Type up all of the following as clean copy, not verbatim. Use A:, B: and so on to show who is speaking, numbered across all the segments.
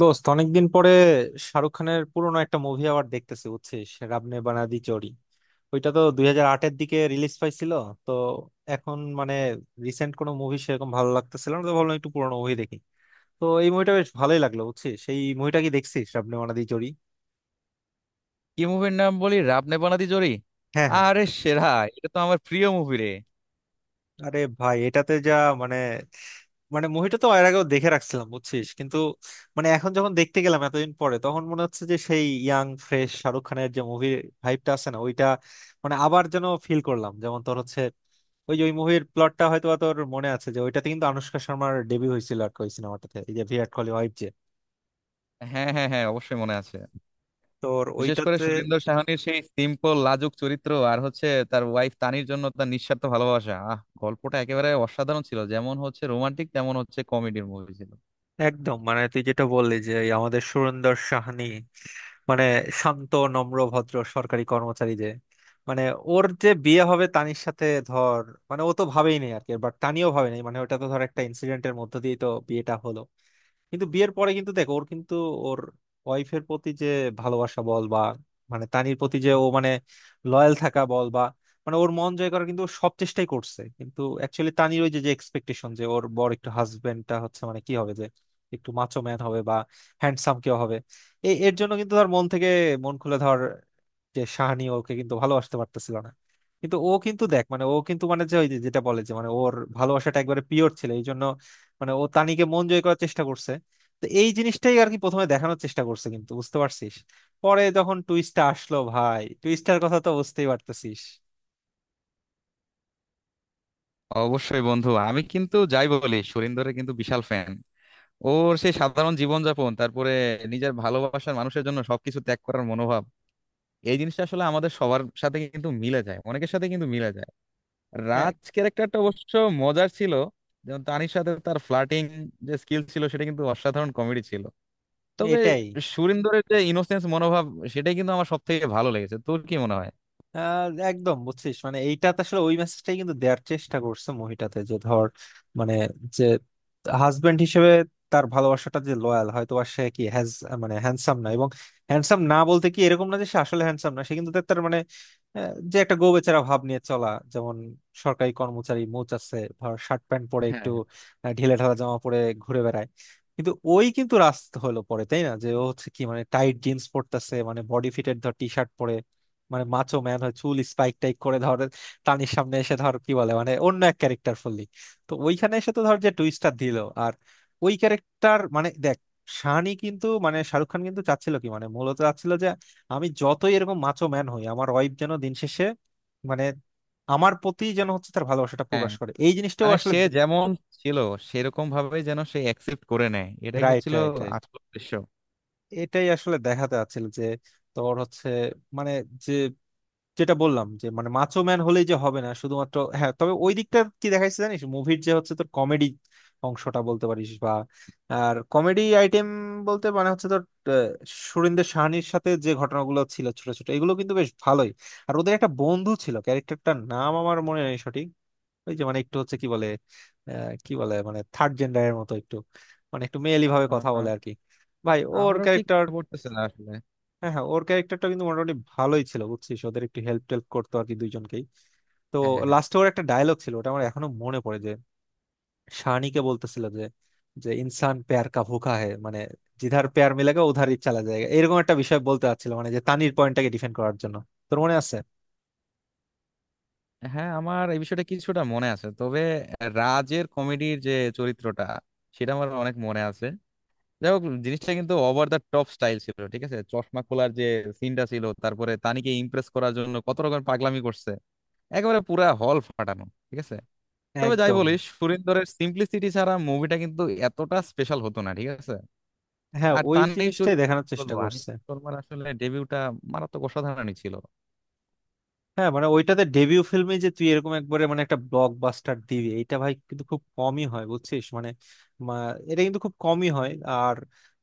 A: দোস্ত, অনেকদিন পরে শাহরুখ খানের পুরোনো একটা মুভি আবার দেখতেছি, বুঝছিস? রাবনে বানাদি জোড়ি। ওইটা তো 2008-এর দিকে রিলিজ পাইছিল। তো এখন মানে রিসেন্ট কোনো মুভি সেরকম ভালো লাগতেছিল না, তো ভাবলাম একটু পুরোনো মুভি দেখি। তো এই মুভিটা বেশ ভালোই লাগলো, বুঝছিস। সেই মুভিটা কি দেখছিস? রাবনে বানাদি জোড়ি।
B: কি মুভির নাম বলি? রাব নে বানাদি জোড়ি?
A: হ্যাঁ, হ্যাঁ।
B: আরে সেরা! এটা তো আমার প্রিয় মুভি রে।
A: আরে ভাই, এটাতে যা মানে, মানে মুভিটা তো এর আগেও দেখে রাখছিলাম, বুঝছিস, কিন্তু মানে এখন যখন দেখতে গেলাম এতদিন পরে, তখন মনে হচ্ছে যে সেই ইয়াং ফ্রেশ শাহরুখ খানের যে মুভির ভাইবটা আছে না ওইটা, মানে আবার যেন ফিল করলাম, যেমন তোর হচ্ছে। ওই যে ওই মুভির প্লটটা হয়তো বা তোর মনে আছে, যে ওইটাতে কিন্তু আনুষ্কা শর্মার ডেবিউ হয়েছিল আর কি, ওই সিনেমাটাতে, এই যে ভিরাট কোহলি ওয়াইফ, যে
B: হ্যাঁ হ্যাঁ হ্যাঁ, অবশ্যই মনে আছে।
A: তোর
B: বিশেষ করে
A: ওইটাতে।
B: সুরিন্দর সাহানির সেই সিম্পল লাজুক চরিত্র, আর হচ্ছে তার ওয়াইফ তানির জন্য তার নিঃস্বার্থ ভালোবাসা। গল্পটা একেবারে অসাধারণ ছিল, যেমন হচ্ছে রোমান্টিক তেমন হচ্ছে কমেডির মুভি ছিল।
A: একদম মানে তুই যেটা বললি যে এই আমাদের সুরেন্দর সাহানি, মানে শান্ত নম্র ভদ্র সরকারি কর্মচারী, যে মানে ওর যে বিয়ে হবে তানির সাথে ধর, মানে ও তো ভাবেই নেই আর কি, বাট তানিও ভাবে নাই, মানে ওটা তো ধর একটা ইনসিডেন্টের মধ্য দিয়ে তো বিয়েটা হলো। কিন্তু বিয়ের পরে কিন্তু দেখো ওর কিন্তু ওর ওয়াইফের প্রতি যে ভালোবাসা বল বা মানে তানির প্রতি যে ও মানে লয়াল থাকা বল বা মানে ওর মন জয় করার কিন্তু ও সব চেষ্টাই করছে। কিন্তু অ্যাকচুয়ালি তানির ওই যে যে এক্সপেকটেশন যে ওর বর একটু হাজবেন্ডটা হচ্ছে মানে কি হবে, যে একটু মাচো ম্যান হবে বা হ্যান্ডসাম কেউ হবে, এই এর জন্য কিন্তু তার মন থেকে মন খুলে ধর যে শাহানি ওকে কিন্তু ভালোবাসতে পারতেছিল না। কিন্তু ও কিন্তু দেখ মানে ও কিন্তু মানে যে ওই যে যেটা বলে যে মানে ওর ভালোবাসাটা একবারে পিওর ছিল, এই জন্য মানে ও তানিকে মন জয় করার চেষ্টা করছে। তো এই জিনিসটাই আর কি প্রথমে দেখানোর চেষ্টা করছে, কিন্তু বুঝতে পারছিস পরে যখন টুইস্টটা আসলো, ভাই, টুইস্টার কথা তো বুঝতেই পারতেছিস।
B: অবশ্যই বন্ধু, আমি কিন্তু যাই বলি, সুরিন্দরের কিন্তু বিশাল ফ্যান। ওর সেই সাধারণ জীবনযাপন, তারপরে নিজের ভালোবাসার মানুষের জন্য সবকিছু ত্যাগ করার মনোভাব, এই জিনিসটা আসলে আমাদের সবার সাথে কিন্তু মিলে যায়, অনেকের সাথে কিন্তু মিলে যায়।
A: হ্যাঁ,
B: রাজ ক্যারেক্টারটা অবশ্য মজার ছিল, যেমন তানির সাথে তার ফ্লার্টিং যে স্কিল ছিল সেটা কিন্তু অসাধারণ কমেডি ছিল। তবে
A: এটাই।
B: সুরিন্দরের যে ইনোসেন্স মনোভাব, সেটাই কিন্তু আমার সব থেকে ভালো লেগেছে। তোর কি মনে হয়?
A: আহ একদম, বুঝছিস, মানে এইটাতে আসলে ওই মেসেজটাই কিন্তু দেওয়ার চেষ্টা করছে মুভিটাতে, যে ধর মানে যে হাজবেন্ড হিসেবে তার ভালোবাসাটা যে লয়াল হয়তো বা সে কি হ্যাজ, মানে হ্যান্ডসাম না, এবং হ্যান্ডসাম না বলতে কি এরকম না যে সে আসলে হ্যান্ডসাম না, সে কিন্তু তার তার মানে আহ, যে একটা গো বেচারা ভাব নিয়ে চলা, যেমন সরকারি কর্মচারী, মোচ আছে ধর, শার্ট প্যান্ট পরে একটু
B: হ্যাঁ
A: ঢিলে ঢালা জামা পরে ঘুরে বেড়ায়। কিন্তু ওই কিন্তু রাস্তা হলো পরে তাই না, যে ও হচ্ছে কি মানে টাইট জিন্স পরতেছে, মানে বডি ফিটের ধর টি শার্ট পরে, মানে মাচো ম্যান হয়, চুল স্পাইক টাইক করে ধর তানির সামনে এসে ধর কি বলে মানে অন্য এক ক্যারেক্টার ফুললি। তো ওইখানে এসে তো ধর যে টুইস্টটা দিল, আর ওই ক্যারেক্টার মানে দেখ, শানি কিন্তু মানে শাহরুখ খান কিন্তু চাচ্ছিল কি, মানে মূলত চাচ্ছিল যে আমি যতই এরকম মাচো ম্যান হই, আমার ওয়াইফ যেন দিন শেষে মানে আমার প্রতি যেন হচ্ছে তার ভালোবাসাটা
B: হ্যাঁ,
A: প্রকাশ করে, এই জিনিসটাও
B: মানে
A: আসলে।
B: সে যেমন ছিল সেরকম ভাবে যেন সে অ্যাকসেপ্ট করে নেয়, এটাই
A: রাইট,
B: হচ্ছিল
A: রাইট, রাইট।
B: আসল উদ্দেশ্য।
A: এটাই আসলে দেখাতে চাচ্ছিল যে তোর হচ্ছে মানে যে যেটা বললাম যে মানে মাচো ম্যান হলেই যে হবে না শুধুমাত্র, হ্যাঁ। তবে ওই দিকটা কি দেখাইছে জানিস মুভির, যে হচ্ছে তোর কমেডি অংশটা বলতে পারিস বা আর কমেডি আইটেম বলতে মানে হচ্ছে তোর আহ, সুরিন্দর সাহানির সাথে যে ঘটনাগুলো ছিল ছোট ছোট, এগুলো কিন্তু বেশ ভালোই। আর ওদের একটা বন্ধু ছিল, ক্যারেক্টারটার নাম আমার মনে নেই সঠিক, ওই যে মানে একটু হচ্ছে কি বলে কি বলে মানে থার্ড জেন্ডারের মতো একটু, মানে একটু মেয়েলি ভাবে
B: আহ,
A: কথা বলে
B: আহ,
A: আর কি। ভাই ওর
B: আমারও ঠিক
A: ক্যারেক্টার,
B: মনে পড়তেছে না আসলে।
A: হ্যাঁ হ্যাঁ, ওর ক্যারেক্টারটা কিন্তু মোটামুটি ভালোই ছিল, বুঝছিস, ওদের একটু হেল্প টেল্প করতো আর কি, দুইজনকেই। তো
B: হ্যাঁ হ্যাঁ
A: লাস্টে ওর একটা ডায়লগ ছিল, ওটা আমার এখনো মনে পড়ে, যে শানিকে বলতেছিল যে যে ইনসান প্যার কা ভুকা হে, মানে জিধার প্যার মিলেগা উধার ই চালা যায়গা, এরকম একটা বিষয় বলতে চাচ্ছিল মানে যে তানির পয়েন্টটাকে ডিফেন্ড করার জন্য। তোর মনে আছে?
B: হ্যাঁ, আমার এই বিষয়টা কিছুটা মনে আছে, তবে রাজের কমেডির যে চরিত্রটা সেটা আমার অনেক মনে আছে। যাই হোক, জিনিসটা কিন্তু ওভার দ্য টপ স্টাইল ছিল, ঠিক আছে? চশমা খোলার যে সিনটা ছিল, তারপরে তানিকে ইমপ্রেস করার জন্য কত রকম পাগলামি করছে, একেবারে পুরা হল ফাটানো, ঠিক আছে? তবে যাই
A: একদম।
B: বলিস, সুরিন্দরের সিম্পলিসিটি ছাড়া মুভিটা কিন্তু এতটা স্পেশাল হতো না, ঠিক আছে?
A: হ্যাঁ,
B: আর
A: ওই
B: তানির
A: জিনিসটাই
B: চরিত্র কি
A: দেখানোর চেষ্টা
B: বলবো, আনিস
A: করছে।
B: শর্মার আসলে ডেবিউটা মারাত্মক অসাধারণই ছিল।
A: হ্যাঁ, মানে ওইটাতে ডেবিউ ফিল্মে যে তুই এরকম একবারে মানে একটা ব্লকবাস্টার দিবি, এটা ভাই কিন্তু খুব কমই হয়, বুঝছিস, মানে মা- এটা কিন্তু খুব কমই হয়। আর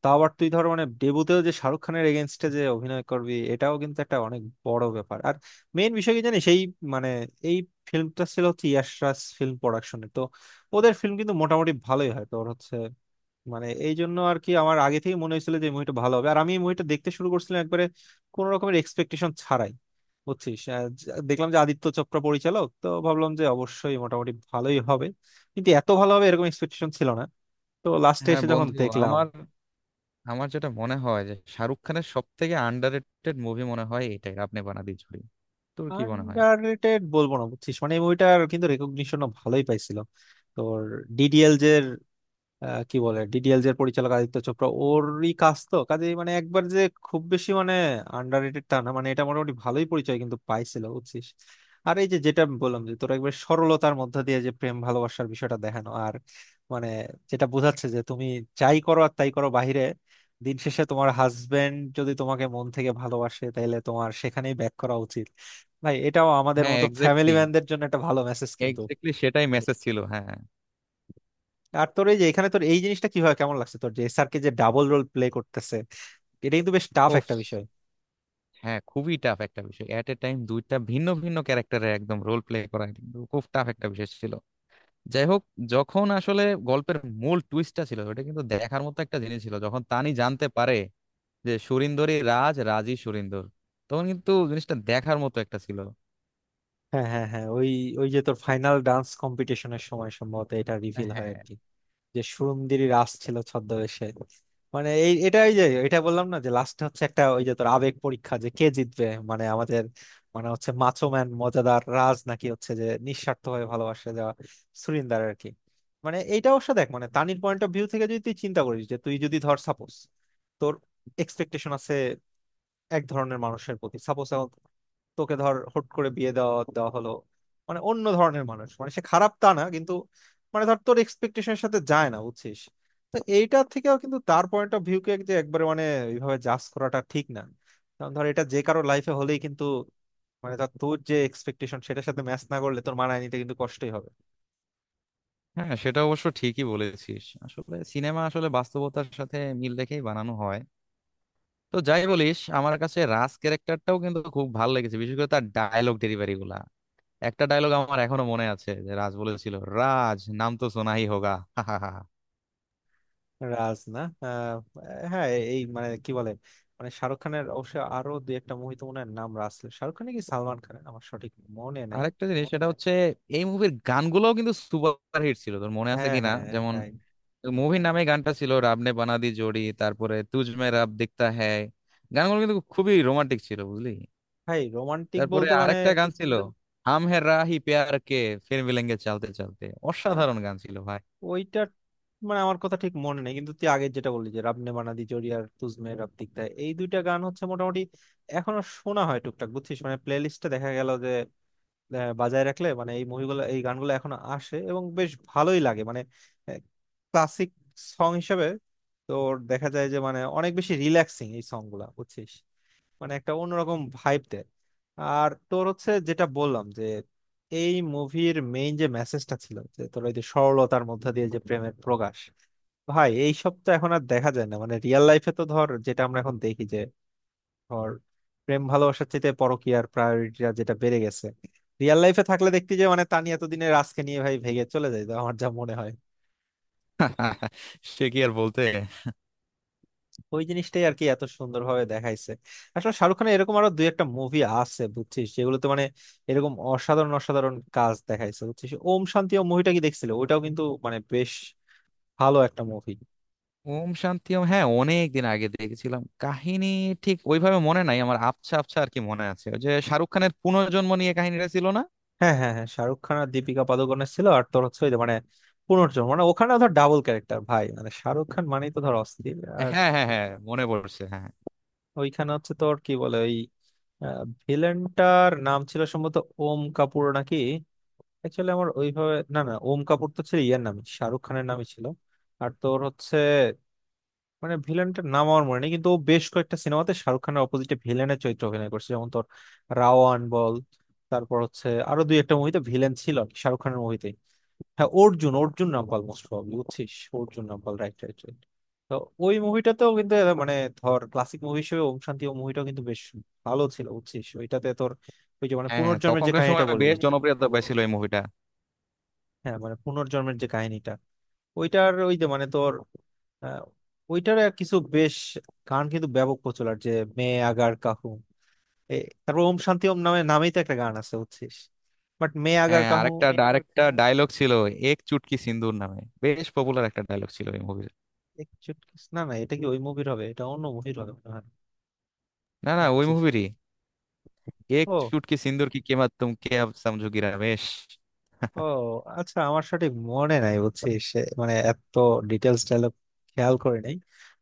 A: তাও আবার তুই ধর মানে ডেবিউতেও যে শাহরুখ খানের এগেনস্টে যে অভিনয় করবি, এটাও কিন্তু একটা অনেক বড় ব্যাপার। আর মেইন বিষয় কি জানিস, এই মানে এই ফিল্মটা ছিল হচ্ছে ইয়াশ রাজ ফিল্ম প্রোডাকশনে। তো ওদের ফিল্ম কিন্তু মোটামুটি ভালোই হয় তোর হচ্ছে মানে, এই জন্য আর কি আমার আগে থেকে মনে হয়েছিল যে মুভিটা ভালো হবে। আর আমি মুভিটা দেখতে শুরু করছিলাম একবারে কোন রকমের এক্সপেকটেশন ছাড়াই, বুঝছিস। দেখলাম যে আদিত্য চোপড়া পরিচালক, তো ভাবলাম যে অবশ্যই মোটামুটি ভালোই হবে, কিন্তু এত ভালো হবে এরকম এক্সপেকটেশন ছিল না। তো লাস্টে
B: হ্যাঁ
A: এসে যখন
B: বন্ধু,
A: দেখলাম।
B: আমার আমার যেটা মনে হয়, যে শাহরুখ খানের সব থেকে আন্ডাররেটেড মুভি মনে হয় এটাই, আপনি বানাদি ঝুড়ি। তোর কি মনে হয়?
A: আন্ডাররেটেড বলবো না, বুঝছিস, মানে এই মুভিটার কিন্তু রেকগনিশনও ভালোই পাইছিল তোর। ডিডিএল যে কি বলে ডিডিএলজ এর পরিচালক আদিত্য চোপড়া, ওরই কাজ তো কাজে মানে একবার যে খুব বেশি মানে আন্ডাররেটেড টা না, মানে এটা মোটামুটি ভালোই পরিচয় কিন্তু পাইছিল, বুঝছিস। আর এই যে যেটা আমি বললাম যে তোর একবার সরলতার মধ্যে দিয়ে যে প্রেম ভালোবাসার বিষয়টা দেখানো, আর মানে যেটা বোঝাচ্ছে যে তুমি যাই করো আর তাই করো বাহিরে, দিন শেষে তোমার হাজবেন্ড যদি তোমাকে মন থেকে ভালোবাসে, তাহলে তোমার সেখানেই ব্যাক করা উচিত। ভাই, এটাও আমাদের
B: হ্যাঁ
A: মতো ফ্যামিলি
B: এক্স্যাক্টলি,
A: ম্যানদের জন্য একটা ভালো মেসেজ কিন্তু।
B: এক্স্যাক্টলি সেটাই মেসেজ ছিল, হ্যাঁ।
A: আর তোর এই যে এখানে তোর এই জিনিসটা কিভাবে কেমন লাগছে তোর, যে এসআরকে যে ডাবল রোল প্লে করতেছে, এটা কিন্তু বেশ টাফ
B: ওফ,
A: একটা বিষয়।
B: হ্যাঁ খুবই টাফ একটা বিষয়। এট এ টাইম দুইটা ভিন্ন ভিন্ন ক্যারেক্টারে একদম রোল প্লে করা, এটা কিন্তু খুব টাফ একটা বিষয় ছিল। যাই হোক, যখন আসলে গল্পের মূল টুইস্টটা ছিল, ওটা কিন্তু দেখার মতো একটা জিনিস ছিল, যখন তানি জানতে পারে যে সুরিন্দরই রাজ, রাজই সুরিন্দর, তখন কিন্তু জিনিসটা দেখার মতো একটা ছিল।
A: হ্যাঁ, হ্যাঁ, হ্যাঁ, ওই ওই যে তোর ফাইনাল ডান্স কম্পিটিশনের সময় সম্ভবত এটা রিভিল হয় আর
B: হ্যাঁ
A: কি, যে সুরুন্দিরি রাস ছিল ছদ্মবেশে। মানে এই এটা ওই যে এটা বললাম না যে লাস্ট হচ্ছে একটা ওই যে তোর আবেগ পরীক্ষা, যে কে জিতবে মানে আমাদের, মানে হচ্ছে মাচো ম্যান মজাদার রাজ নাকি হচ্ছে যে নিঃস্বার্থ ভাবে ভালোবাসা দেওয়া সুরিন্দার আর কি। মানে এইটা অবশ্য দেখ মানে তানির পয়েন্ট অফ ভিউ থেকে যদি তুই চিন্তা করিস, যে তুই যদি ধর সাপোজ তোর এক্সপেকটেশন আছে এক ধরনের মানুষের প্রতি, সাপোজ এখন তোকে ধর হুট করে বিয়ে দেওয়া দেওয়া হলো মানে অন্য ধরনের মানুষ, মানে সে খারাপ তা না, কিন্তু মানে ধর তোর এক্সপেকটেশনের সাথে যায় না, বুঝছিস। তো এইটা থেকেও কিন্তু তার পয়েন্ট অফ ভিউকে যে একবারে মানে এইভাবে জাজ করাটা ঠিক না, কারণ ধর এটা যে কারো লাইফে হলেই কিন্তু মানে ধর তোর যে এক্সপেকটেশন সেটার সাথে ম্যাচ না করলে তোর মানায় নিতে কিন্তু কষ্টই হবে।
B: হ্যাঁ, সেটা অবশ্য ঠিকই বলেছিস, আসলে সিনেমা আসলে বাস্তবতার সাথে মিল রেখেই বানানো হয়। তো যাই বলিস, আমার কাছে রাজ ক্যারেক্টারটাও কিন্তু খুব ভালো লেগেছে, বিশেষ করে তার ডায়লগ ডেলিভারি গুলা। একটা ডায়লগ আমার এখনো মনে আছে, যে রাজ বলেছিল, "রাজ নাম তো সোনাই হোগা।" হাহাহা।
A: রাজ না হ্যাঁ এই মানে কি বলে মানে শাহরুখ খানের অবশ্য আরো দুই একটা মুভি তো মনে হয় নাম রাজ ছিল। শাহরুখ খানের কি সালমান খানের আমার সঠিক মনে নাই।
B: আরেকটা জিনিস, সেটা হচ্ছে এই মুভির গানগুলোও কিন্তু সুপার হিট ছিল, তোর মনে আছে
A: হ্যাঁ,
B: কিনা?
A: হ্যাঁ,
B: যেমন
A: তাই।
B: মুভির নামে গানটা ছিল "রাব নে বানা দি জোড়ি", তারপরে "তুজ মে রাব দিখতা হ্যায়"। গানগুলো কিন্তু খুবই রোমান্টিক ছিল বুঝলি।
A: ভাই, রোমান্টিক
B: তারপরে
A: বলতে মানে
B: আরেকটা গান ছিল, "হাম হে রাহি প্যার কে ফির মিলেঙ্গে চলতে চলতে",
A: আহ,
B: অসাধারণ গান ছিল ভাই।
A: ওইটা মানে আমার কথা ঠিক মনে নেই, কিন্তু তুই আগে যেটা বললি যে রাবনে বানাদি জোড়ি আর তুজমে রাব দিখতা, এই দুইটা গান হচ্ছে মোটামুটি এখনো শোনা হয় টুকটাক, বুঝছিস, মানে প্লে লিস্টে দেখা গেল যে বাজায় রাখলে মানে এই মুভিগুলো এই গানগুলো এখন আসে এবং বেশ ভালোই লাগে মানে, ক্লাসিক সং হিসেবে তোর দেখা যায় যে মানে অনেক বেশি রিল্যাক্সিং এই সং গুলা, বুঝছিস, মানে একটা অন্যরকম ভাইব দেয়। আর তোর হচ্ছে যেটা বললাম যে এই মুভির মেইন যে মেসেজটা ছিল, যে তোর ওই যে সরলতার মধ্যে দিয়ে যে প্রেমের প্রকাশ, ভাই, এইসব তো এখন আর দেখা যায় না মানে রিয়েল লাইফে। তো ধর যেটা আমরা এখন দেখি যে ধর প্রেম ভালোবাসার চাইতে পরকীয়ার প্রায়োরিটিটা যেটা বেড়ে গেছে, রিয়েল লাইফে থাকলে দেখতে যে মানে তানি এতদিনে রাজকে নিয়ে ভাই ভেগে চলে যায়, আমার যা মনে হয়।
B: সে কি আর বলতে!
A: ওই জিনিসটাই আর কি এত সুন্দরভাবে দেখাইছে। আসলে শাহরুখ খানের এরকম আরো দুই একটা মুভি আছে, বুঝছিস, যেগুলোতে মানে এরকম অসাধারণ অসাধারণ কাজ দেখাইছে, বুঝছিস। ওম শান্তি ওম মুভিটা কি দেখছিলে? ওইটাও কিন্তু মানে বেশ ভালো একটা মুভি।
B: ওম শান্তি ওম, হ্যাঁ অনেক দিন আগে দেখেছিলাম। কাহিনী ঠিক ওইভাবে মনে নাই আমার, আবছা আবছা আর কি মনে আছে, ওই যে শাহরুখ খানের পুনর্জন্ম নিয়ে কাহিনীটা ছিল না?
A: হ্যাঁ, হ্যাঁ, হ্যাঁ, শাহরুখ খান আর দীপিকা পাদুকোনের ছিল। আর তোর হচ্ছে ওই যে মানে পুনর্জন্ম মানে ওখানে ধর ডাবল ক্যারেক্টার, ভাই মানে শাহরুখ খান মানেই তো ধর অস্থির। আর
B: হ্যাঁ হ্যাঁ হ্যাঁ, মনে পড়ছে, হ্যাঁ হ্যাঁ।
A: ওইখানে হচ্ছে তোর কি বলে ওই ভিলেনটার নাম ছিল সম্ভবত ওম কাপুর নাকি, অ্যাকচুয়ালি আমার ওইভাবে, না না, ওম কাপুর তো ছিল ইয়ার, নামই শাহরুখ খানের নামই ছিল। আর তোর হচ্ছে মানে ভিলেনটার নাম আমার মনে নেই, কিন্তু ও বেশ কয়েকটা সিনেমাতে শাহরুখ খানের অপোজিটে ভিলেনের চরিত্র অভিনয় করছে, যেমন তোর রাওয়ান বল, তারপর হচ্ছে আরো দুই একটা মুভিতে ভিলেন ছিল আর কি, শাহরুখ খানের মুভিতে। হ্যাঁ, অর্জুন অর্জুন রামপাল, মোস্ট প্রবাবলি, বুঝছিস, Arjun Rampal, right, right, right. তো ওই মুভিটাতেও কিন্তু এরা মানে ধর ক্লাসিক মুভি হিসেবে ওম শান্তি ও মুভিটাও কিন্তু বেশ ভালো ছিল, বুঝছিস। ওইটাতে তোর ওই যে মানে
B: হ্যাঁ,
A: পুনর্জন্মের যে
B: তখনকার সময়
A: কাহিনীটা বললি,
B: বেশ জনপ্রিয়তা পেয়েছিল এই মুভিটা।
A: হ্যাঁ মানে পুনর্জন্মের যে কাহিনীটা, ওইটার ওই যে মানে তোর আহ, ওইটার আর কিছু বেশ গান কিন্তু ব্যাপক প্রচলন, যে মে আগার কাহু এ, তারপর ওম শান্তি ওম নামে নামেই তো একটা গান আছে, বুঝছিস, বাট মে আগার
B: হ্যাঁ,
A: কাহু।
B: আরেকটা আরেকটা ডায়লগ ছিল, "এক চুটকি সিন্দুর" নামে বেশ পপুলার একটা ডায়লগ ছিল এই মুভির।
A: না না, এটা কি ওই মুভির হবে? এটা অন্য মুভির হবে মনে হয়।
B: না না, ওই
A: বুঝছিস?
B: মুভিরই। "এক
A: ও,
B: চুটকি সিন্দুর কি কেমাত তুম কে আব সমঝোগিরা বেশ।
A: ও, আচ্ছা আমার সঠিক মনে নাই, বুঝছিস, এ মানে এত ডিটেলস ডায়লগ খেয়াল করে নাই।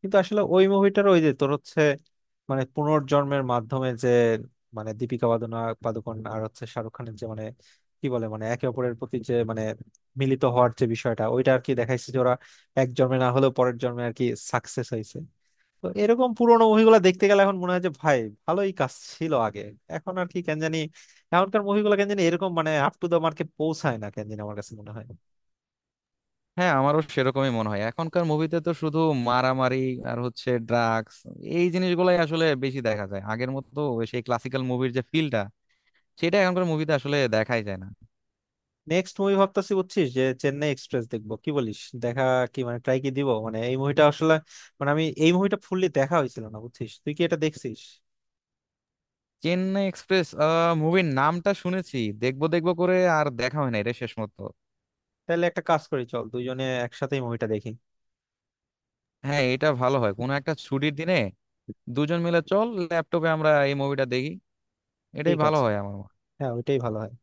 A: কিন্তু আসলে ওই মুভিটার ওই যে তোর হচ্ছে মানে পুনর্জন্মের মাধ্যমে যে মানে পাদুকোণ আর হচ্ছে শাহরুখ খানের যে মানে কি বলে মানে একে অপরের প্রতি যে মানে মিলিত হওয়ার যে বিষয়টা, ওইটা আর কি দেখাইছে যে ওরা এক জন্মে না হলেও পরের জন্মে আর কি সাকসেস হয়েছে। তো এরকম পুরোনো মুভিগুলো দেখতে গেলে এখন মনে হয় যে, ভাই, ভালোই কাজ ছিল আগে। এখন আর কি কেন জানি, এখনকার মুভিগুলো কেন জানি এরকম মানে আপ টু দা মার্কে পৌঁছায় না, কেন জানি আমার কাছে মনে হয়।
B: হ্যাঁ আমারও সেরকমই মনে হয়, এখনকার মুভিতে তো শুধু মারামারি আর হচ্ছে ড্রাগস, এই জিনিসগুলাই আসলে বেশি দেখা যায়। আগের মতো ওই সেই ক্লাসিক্যাল মুভির যে ফিলটা, সেটা এখনকার মুভিতে আসলে দেখাই যায় না।
A: নেক্সট মুভি ভাবতেছি, বুঝছিস, যে চেন্নাই এক্সপ্রেস দেখবো, কি বলিস? দেখা কি মানে ট্রাই কি দিব মানে এই মুভিটা আসলে মানে আমি এই মুভিটা ফুললি দেখা হয়েছিল না, বুঝছিস। তুই কি এটা দেখছিস?
B: চেন্নাই এক্সপ্রেস, মুভির নামটা শুনেছি, দেখবো দেখবো করে আর দেখা হয় না এটা শেষ মতো।
A: তাহলে একটা কাজ করি, চল দুইজনে একসাথে মুভিটা দেখি।
B: হ্যাঁ এটা ভালো হয়, কোনো একটা ছুটির দিনে দুজন মিলে চল ল্যাপটপে আমরা এই মুভিটা দেখি, এটাই
A: ঠিক
B: ভালো
A: আছে।
B: হয় আমার মতে।
A: হ্যাঁ, ওইটাই ভালো হয়।